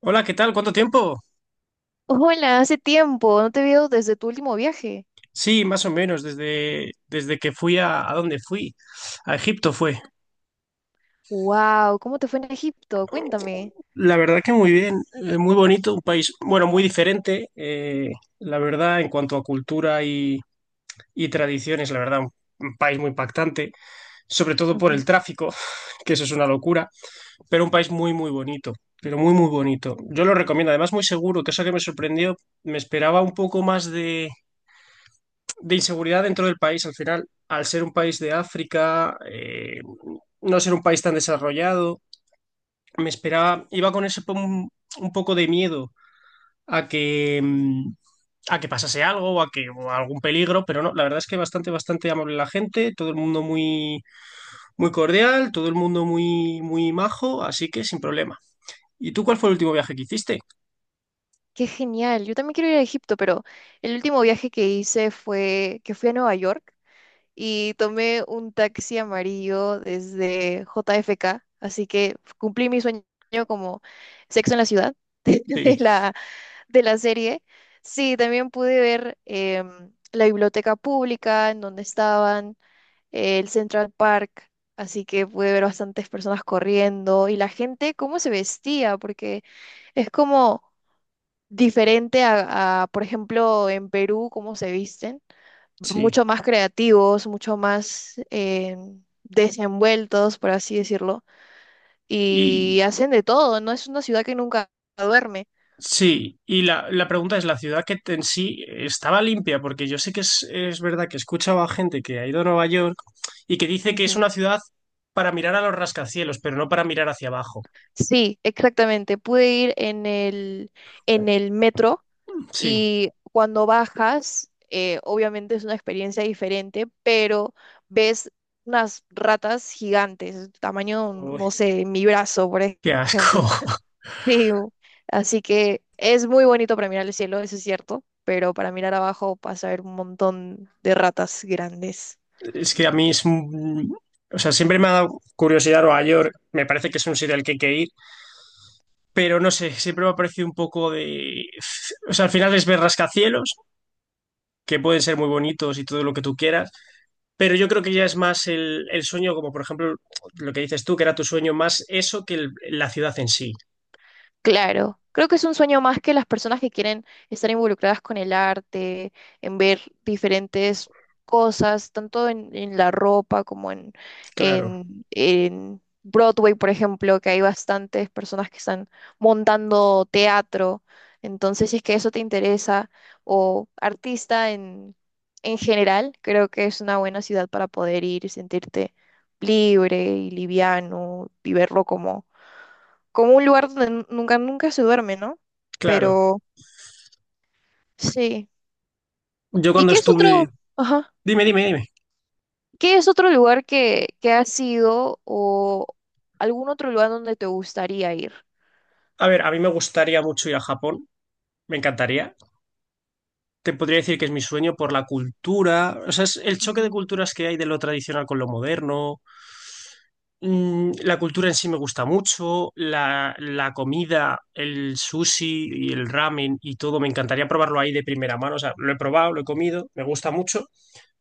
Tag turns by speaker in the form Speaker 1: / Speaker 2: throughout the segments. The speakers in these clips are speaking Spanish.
Speaker 1: Hola, ¿qué tal? ¿Cuánto tiempo?
Speaker 2: Hola, hace tiempo, no te veo desde tu último viaje.
Speaker 1: Sí, más o menos, desde que fui ¿a dónde fui? A Egipto fue.
Speaker 2: Wow, ¿cómo te fue en Egipto? Cuéntame.
Speaker 1: La verdad que muy bien, muy bonito, un país, bueno, muy diferente, la verdad, en cuanto a cultura y tradiciones, la verdad, un país muy impactante, sobre todo por
Speaker 2: Ujú.
Speaker 1: el tráfico, que eso es una locura, pero un país muy, muy bonito, pero muy, muy bonito. Yo lo recomiendo, además muy seguro, que eso que me sorprendió, me esperaba un poco más de inseguridad dentro del país al final, al ser un país de África, no ser un país tan desarrollado, me esperaba, iba con un poco de miedo a que, a que pasase algo o a que o a algún peligro, pero no, la verdad es que bastante, bastante amable la gente, todo el mundo muy, muy cordial, todo el mundo muy, muy majo, así que sin problema. ¿Y tú cuál fue el último viaje que hiciste?
Speaker 2: Qué genial. Yo también quiero ir a Egipto, pero el último viaje que hice fue que fui a Nueva York y tomé un taxi amarillo desde JFK, así que cumplí mi sueño como Sexo en la ciudad
Speaker 1: Sí,
Speaker 2: de la de la serie. Sí, también pude ver la biblioteca pública en donde estaban el Central Park, así que pude ver bastantes personas corriendo y la gente cómo se vestía, porque es como diferente a, por ejemplo, en Perú, cómo se visten,
Speaker 1: sí.
Speaker 2: mucho más creativos, mucho más desenvueltos, por así decirlo, y hacen de todo, no es una ciudad que nunca duerme.
Speaker 1: Sí, y la pregunta es, ¿la en sí estaba limpia? Porque yo sé que es verdad que he escuchado a gente que ha ido a Nueva York y que dice que es
Speaker 2: Ujú.
Speaker 1: una ciudad para mirar a los rascacielos, pero no para mirar hacia abajo.
Speaker 2: Sí, exactamente. Pude ir en el metro.
Speaker 1: Sí.
Speaker 2: Y cuando bajas, obviamente es una experiencia diferente, pero ves unas ratas gigantes, tamaño,
Speaker 1: Uy,
Speaker 2: no sé, mi brazo,
Speaker 1: qué asco.
Speaker 2: ejemplo. Sí, así que es muy bonito para mirar el cielo, eso es cierto, pero para mirar abajo vas a ver un montón de ratas grandes.
Speaker 1: Es que a mí es... un- O sea, siempre me ha dado curiosidad Nueva York. Me parece que es un sitio al que hay que ir, pero no sé, siempre me ha parecido un poco de... O sea, al final es ver rascacielos, que pueden ser muy bonitos y todo lo que tú quieras. Pero yo creo que ya es más el sueño, como por ejemplo lo que dices tú, que era tu sueño, más eso que la ciudad en sí.
Speaker 2: Claro, creo que es un sueño más que las personas que quieren estar involucradas con el arte, en ver diferentes cosas, tanto en la ropa como
Speaker 1: Claro,
Speaker 2: en Broadway, por ejemplo, que hay bastantes personas que están montando teatro. Entonces, si es que eso te interesa, o artista en general, creo que es una buena ciudad para poder ir y sentirte libre y liviano y verlo como como un lugar donde nunca, nunca se duerme, ¿no?
Speaker 1: claro.
Speaker 2: Pero sí.
Speaker 1: Yo
Speaker 2: ¿Y
Speaker 1: cuando
Speaker 2: qué es
Speaker 1: estuve...
Speaker 2: otro, ajá,
Speaker 1: Dime, dime, dime.
Speaker 2: qué es otro lugar que has ido o algún otro lugar donde te gustaría ir?
Speaker 1: A ver, a mí me gustaría mucho ir a Japón, me encantaría. Te podría decir que es mi sueño por la cultura, o sea, es el choque de
Speaker 2: Ujú.
Speaker 1: culturas que hay de lo tradicional con lo moderno. La cultura en sí me gusta mucho, la comida, el sushi y el ramen y todo, me encantaría probarlo ahí de primera mano. O sea, lo he probado, lo he comido, me gusta mucho.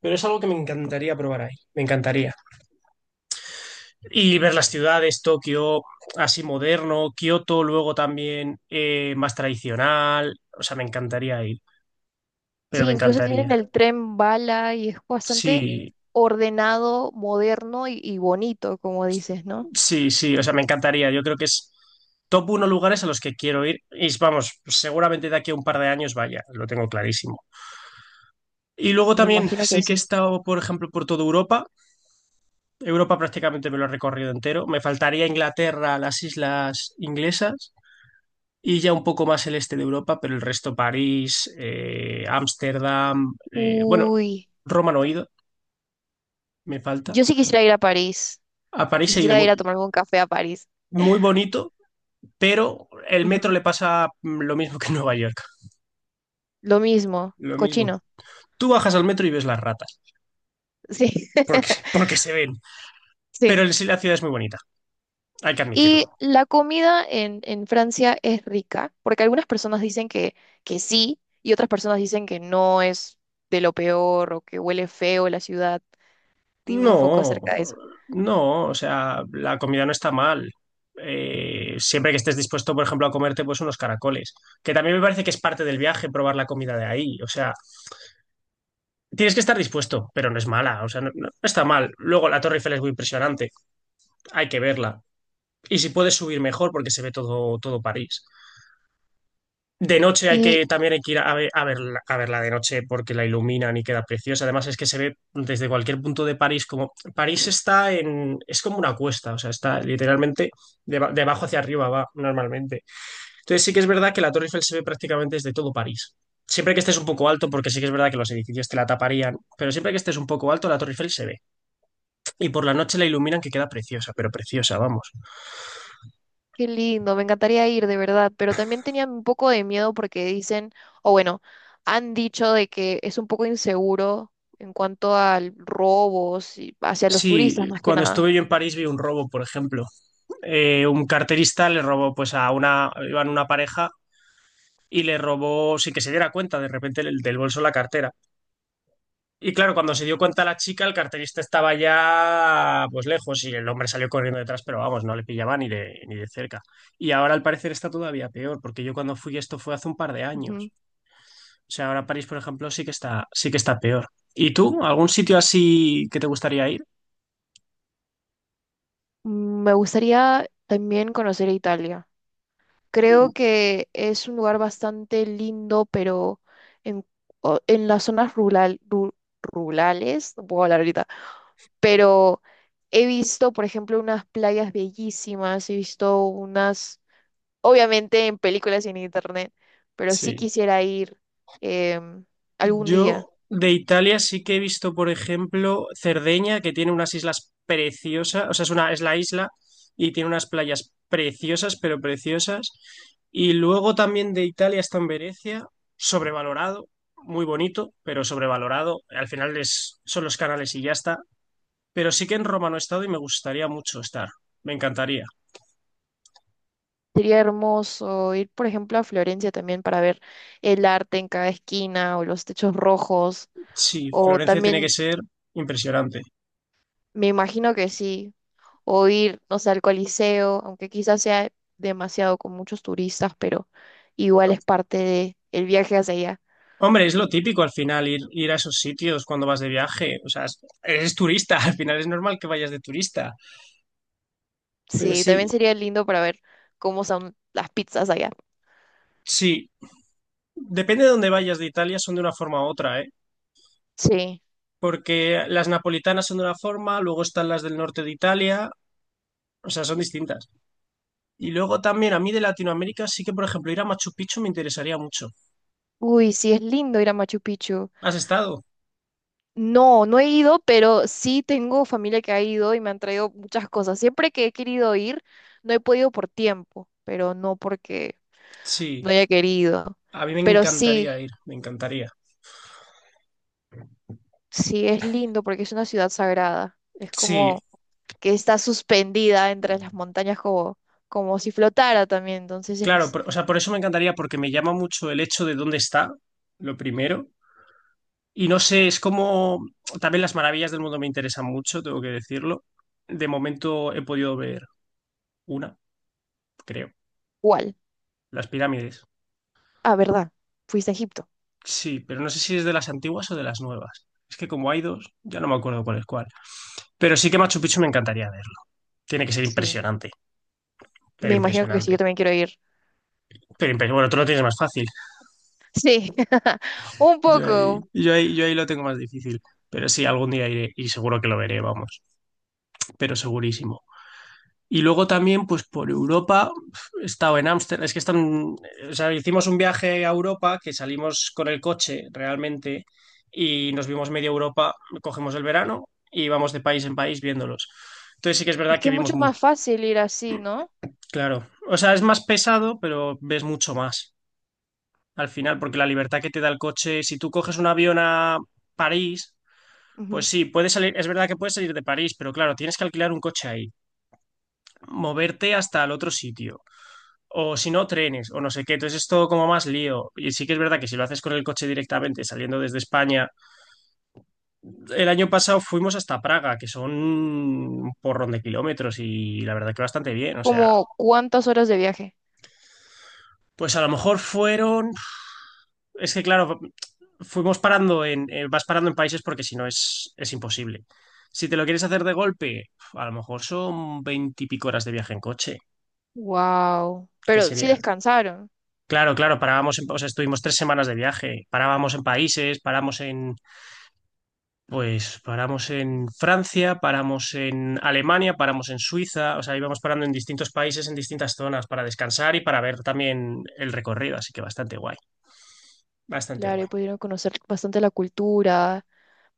Speaker 1: Pero es algo que me encantaría probar ahí, me encantaría. Y ver las ciudades, Tokio, así moderno, Kioto, luego también más tradicional, o sea, me encantaría ir, pero
Speaker 2: Sí,
Speaker 1: me
Speaker 2: incluso tienen
Speaker 1: encantaría.
Speaker 2: el tren bala y es bastante
Speaker 1: Sí,
Speaker 2: ordenado, moderno y bonito, como dices, ¿no?
Speaker 1: sí, sí, o sea, me encantaría. Yo creo que es top uno lugares a los que quiero ir y vamos, seguramente de aquí a un par de años vaya, lo tengo clarísimo. Y luego
Speaker 2: Me
Speaker 1: también
Speaker 2: imagino que
Speaker 1: sí que he
Speaker 2: sí.
Speaker 1: estado, por ejemplo, por toda Europa. Europa prácticamente me lo he recorrido entero. Me faltaría Inglaterra, las islas inglesas y ya un poco más el este de Europa, pero el resto París, Ámsterdam, bueno,
Speaker 2: Uy,
Speaker 1: Roma no he ido, me falta.
Speaker 2: yo sí quisiera ir a París.
Speaker 1: A París he ido
Speaker 2: Quisiera
Speaker 1: muy,
Speaker 2: ir a tomarme un café a París.
Speaker 1: muy bonito, pero el
Speaker 2: Ujú.
Speaker 1: metro le pasa lo mismo que en Nueva York,
Speaker 2: Lo mismo,
Speaker 1: lo mismo.
Speaker 2: cochino.
Speaker 1: Tú bajas al metro y ves las ratas,
Speaker 2: Sí.
Speaker 1: porque se ven, pero
Speaker 2: Sí.
Speaker 1: en sí la ciudad es muy bonita, hay que
Speaker 2: Y
Speaker 1: admitirlo.
Speaker 2: la comida en Francia es rica, porque algunas personas dicen que sí y otras personas dicen que no es de lo peor o que huele feo la ciudad. Dime un poco
Speaker 1: No,
Speaker 2: acerca de eso.
Speaker 1: no, o sea, la comida no está mal. Siempre que estés dispuesto, por ejemplo, a comerte pues unos caracoles, que también me parece que es parte del viaje probar la comida de ahí. O sea, tienes que estar dispuesto, pero no es mala, o sea, no, no está mal. Luego la Torre Eiffel es muy impresionante, hay que verla. Y si puedes subir mejor porque se ve todo, todo París. De noche hay
Speaker 2: Y
Speaker 1: que, también hay que ir a, a verla de noche porque la iluminan y queda preciosa. Además es que se ve desde cualquier punto de París como... París está en... es como una cuesta, o sea, está literalmente de, de abajo hacia arriba va normalmente. Entonces sí que es verdad que la Torre Eiffel se ve prácticamente desde todo París. Siempre que estés un poco alto, porque sí que es verdad que los edificios te la taparían, pero siempre que estés un poco alto, la Torre Eiffel se ve. Y por la noche la iluminan que queda preciosa, pero preciosa, vamos.
Speaker 2: qué lindo, me encantaría ir de verdad, pero también tenía un poco de miedo porque dicen, o bueno, han dicho de que es un poco inseguro en cuanto a robos y hacia los turistas
Speaker 1: Sí,
Speaker 2: más que
Speaker 1: cuando
Speaker 2: nada.
Speaker 1: estuve yo en París vi un robo, por ejemplo. Un carterista le robó pues a una, iban una pareja y le robó sin que se diera cuenta de repente del bolso la cartera. Y claro, cuando se dio cuenta la chica, el carterista estaba ya pues lejos y el hombre salió corriendo detrás, pero vamos, no le pillaba ni de cerca. Y ahora al parecer está todavía peor, porque yo cuando fui esto fue hace un par de
Speaker 2: Ujú.
Speaker 1: años. O sea, ahora París, por ejemplo, sí que está peor. ¿Y tú? ¿Algún sitio así que te gustaría ir?
Speaker 2: Me gustaría también conocer Italia. Creo que es un lugar bastante lindo, pero en, en las rurales, no puedo hablar ahorita, pero he visto, por ejemplo, unas playas bellísimas, he visto unas, obviamente en películas y en internet, pero sí
Speaker 1: Sí.
Speaker 2: quisiera ir em, algún día.
Speaker 1: Yo de Italia sí que he visto, por ejemplo, Cerdeña, que tiene unas islas preciosas, o sea, es una, es la isla y tiene unas playas preciosas, pero preciosas. Y luego también de Italia está en Venecia, sobrevalorado, muy bonito, pero sobrevalorado. Al final es, son los canales y ya está. Pero sí que en Roma no he estado y me gustaría mucho estar. Me encantaría.
Speaker 2: Sería hermoso ir, por ejemplo, a Florencia también para ver el arte en cada esquina o los techos rojos,
Speaker 1: Sí,
Speaker 2: o
Speaker 1: Florencia tiene que
Speaker 2: también,
Speaker 1: ser impresionante.
Speaker 2: me imagino que sí. O ir, no sé, al Coliseo, aunque quizás sea demasiado con muchos turistas, pero igual es parte de el viaje hacia allá.
Speaker 1: Hombre, es lo típico al final ir, ir a esos sitios cuando vas de viaje. O sea, eres turista, al final es normal que vayas de turista. Pero
Speaker 2: Sí,
Speaker 1: sí,
Speaker 2: también sería lindo para ver cómo son las pizzas allá.
Speaker 1: sí, depende de dónde vayas de Italia, son de una forma u otra, ¿eh?
Speaker 2: Sí.
Speaker 1: Porque las napolitanas son de una forma, luego están las del norte de Italia, o sea, son distintas. Y luego también a mí de Latinoamérica sí que, por ejemplo, ir a Machu Picchu me interesaría mucho.
Speaker 2: Uy, sí, es lindo ir a Machu Picchu.
Speaker 1: ¿Has estado?
Speaker 2: No, no he ido, pero sí tengo familia que ha ido y me han traído muchas cosas. Siempre que he querido ir, no he podido por tiempo, pero no porque
Speaker 1: Sí,
Speaker 2: no haya querido.
Speaker 1: a mí me
Speaker 2: Pero sí,
Speaker 1: encantaría ir, me encantaría.
Speaker 2: sí, es lindo porque es una ciudad sagrada. Es
Speaker 1: Sí,
Speaker 2: como que está suspendida entre las montañas como, como si flotara también. Entonces
Speaker 1: claro,
Speaker 2: es
Speaker 1: o sea, por eso me encantaría, porque me llama mucho el hecho de dónde está, lo primero. Y no sé, es como también las maravillas del mundo me interesan mucho, tengo que decirlo. De momento he podido ver una, creo,
Speaker 2: igual.
Speaker 1: las pirámides.
Speaker 2: Ah, ¿verdad? Fuiste a Egipto.
Speaker 1: Sí, pero no sé si es de las antiguas o de las nuevas. Es que como hay dos, ya no me acuerdo cuál es cuál. Pero sí que Machu Picchu me encantaría verlo. Tiene que ser
Speaker 2: Sí.
Speaker 1: impresionante, pero
Speaker 2: Me imagino que sí, yo
Speaker 1: impresionante.
Speaker 2: también quiero ir.
Speaker 1: Bueno, tú lo tienes más fácil.
Speaker 2: Sí, un
Speaker 1: Yo ahí,
Speaker 2: poco.
Speaker 1: yo ahí, yo ahí lo tengo más difícil. Pero sí, algún día iré y seguro que lo veré, vamos. Pero segurísimo. Y luego también, pues por Europa, he estado en Ámsterdam, es que están, o sea, hicimos un viaje a Europa que salimos con el coche realmente y nos vimos media Europa, cogemos el verano y vamos de país en país viéndolos. Entonces sí que es
Speaker 2: Es
Speaker 1: verdad
Speaker 2: que
Speaker 1: que
Speaker 2: es mucho
Speaker 1: vimos muy,
Speaker 2: más fácil ir así, ¿no?
Speaker 1: claro, o sea, es más pesado, pero ves mucho más al final, porque la libertad que te da el coche, si tú coges un avión a París, pues
Speaker 2: Ujú.
Speaker 1: sí, puedes salir, es verdad que puedes salir de París, pero claro, tienes que alquilar un coche ahí, moverte hasta el otro sitio o si no, trenes, o no sé qué. Entonces es todo como más lío. Y sí que es verdad que si lo haces con el coche directamente saliendo desde España, el año pasado fuimos hasta Praga, que son un porrón de kilómetros y la verdad que bastante bien. O sea,
Speaker 2: Como cuántas horas de viaje.
Speaker 1: pues a lo mejor fueron... Es que claro, fuimos parando en... vas parando en países porque si no es, es imposible. Si te lo quieres hacer de golpe, a lo mejor son veintipico horas de viaje en coche.
Speaker 2: Wow.
Speaker 1: ¿Qué
Speaker 2: Pero sí
Speaker 1: sería?
Speaker 2: descansaron.
Speaker 1: Claro, claro, parábamos en, o sea, estuvimos 3 semanas de viaje, parábamos en países, paramos en pues paramos en Francia, paramos en Alemania, paramos en Suiza, o sea, íbamos parando en distintos países, en distintas zonas para descansar y para ver también el recorrido, así que bastante guay, bastante
Speaker 2: Claro, y
Speaker 1: guay.
Speaker 2: pudieron conocer bastante la cultura,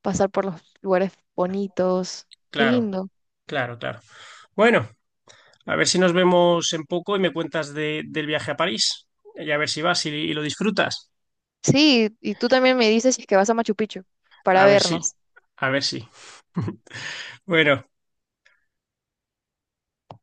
Speaker 2: pasar por los lugares bonitos. Qué
Speaker 1: Claro,
Speaker 2: lindo.
Speaker 1: claro, claro. Bueno, a ver si nos vemos en poco y me cuentas del viaje a París y a ver si vas y lo disfrutas.
Speaker 2: Sí, y tú también me dices si es que vas a Machu Picchu para
Speaker 1: A ver si,
Speaker 2: vernos.
Speaker 1: a ver si. Bueno.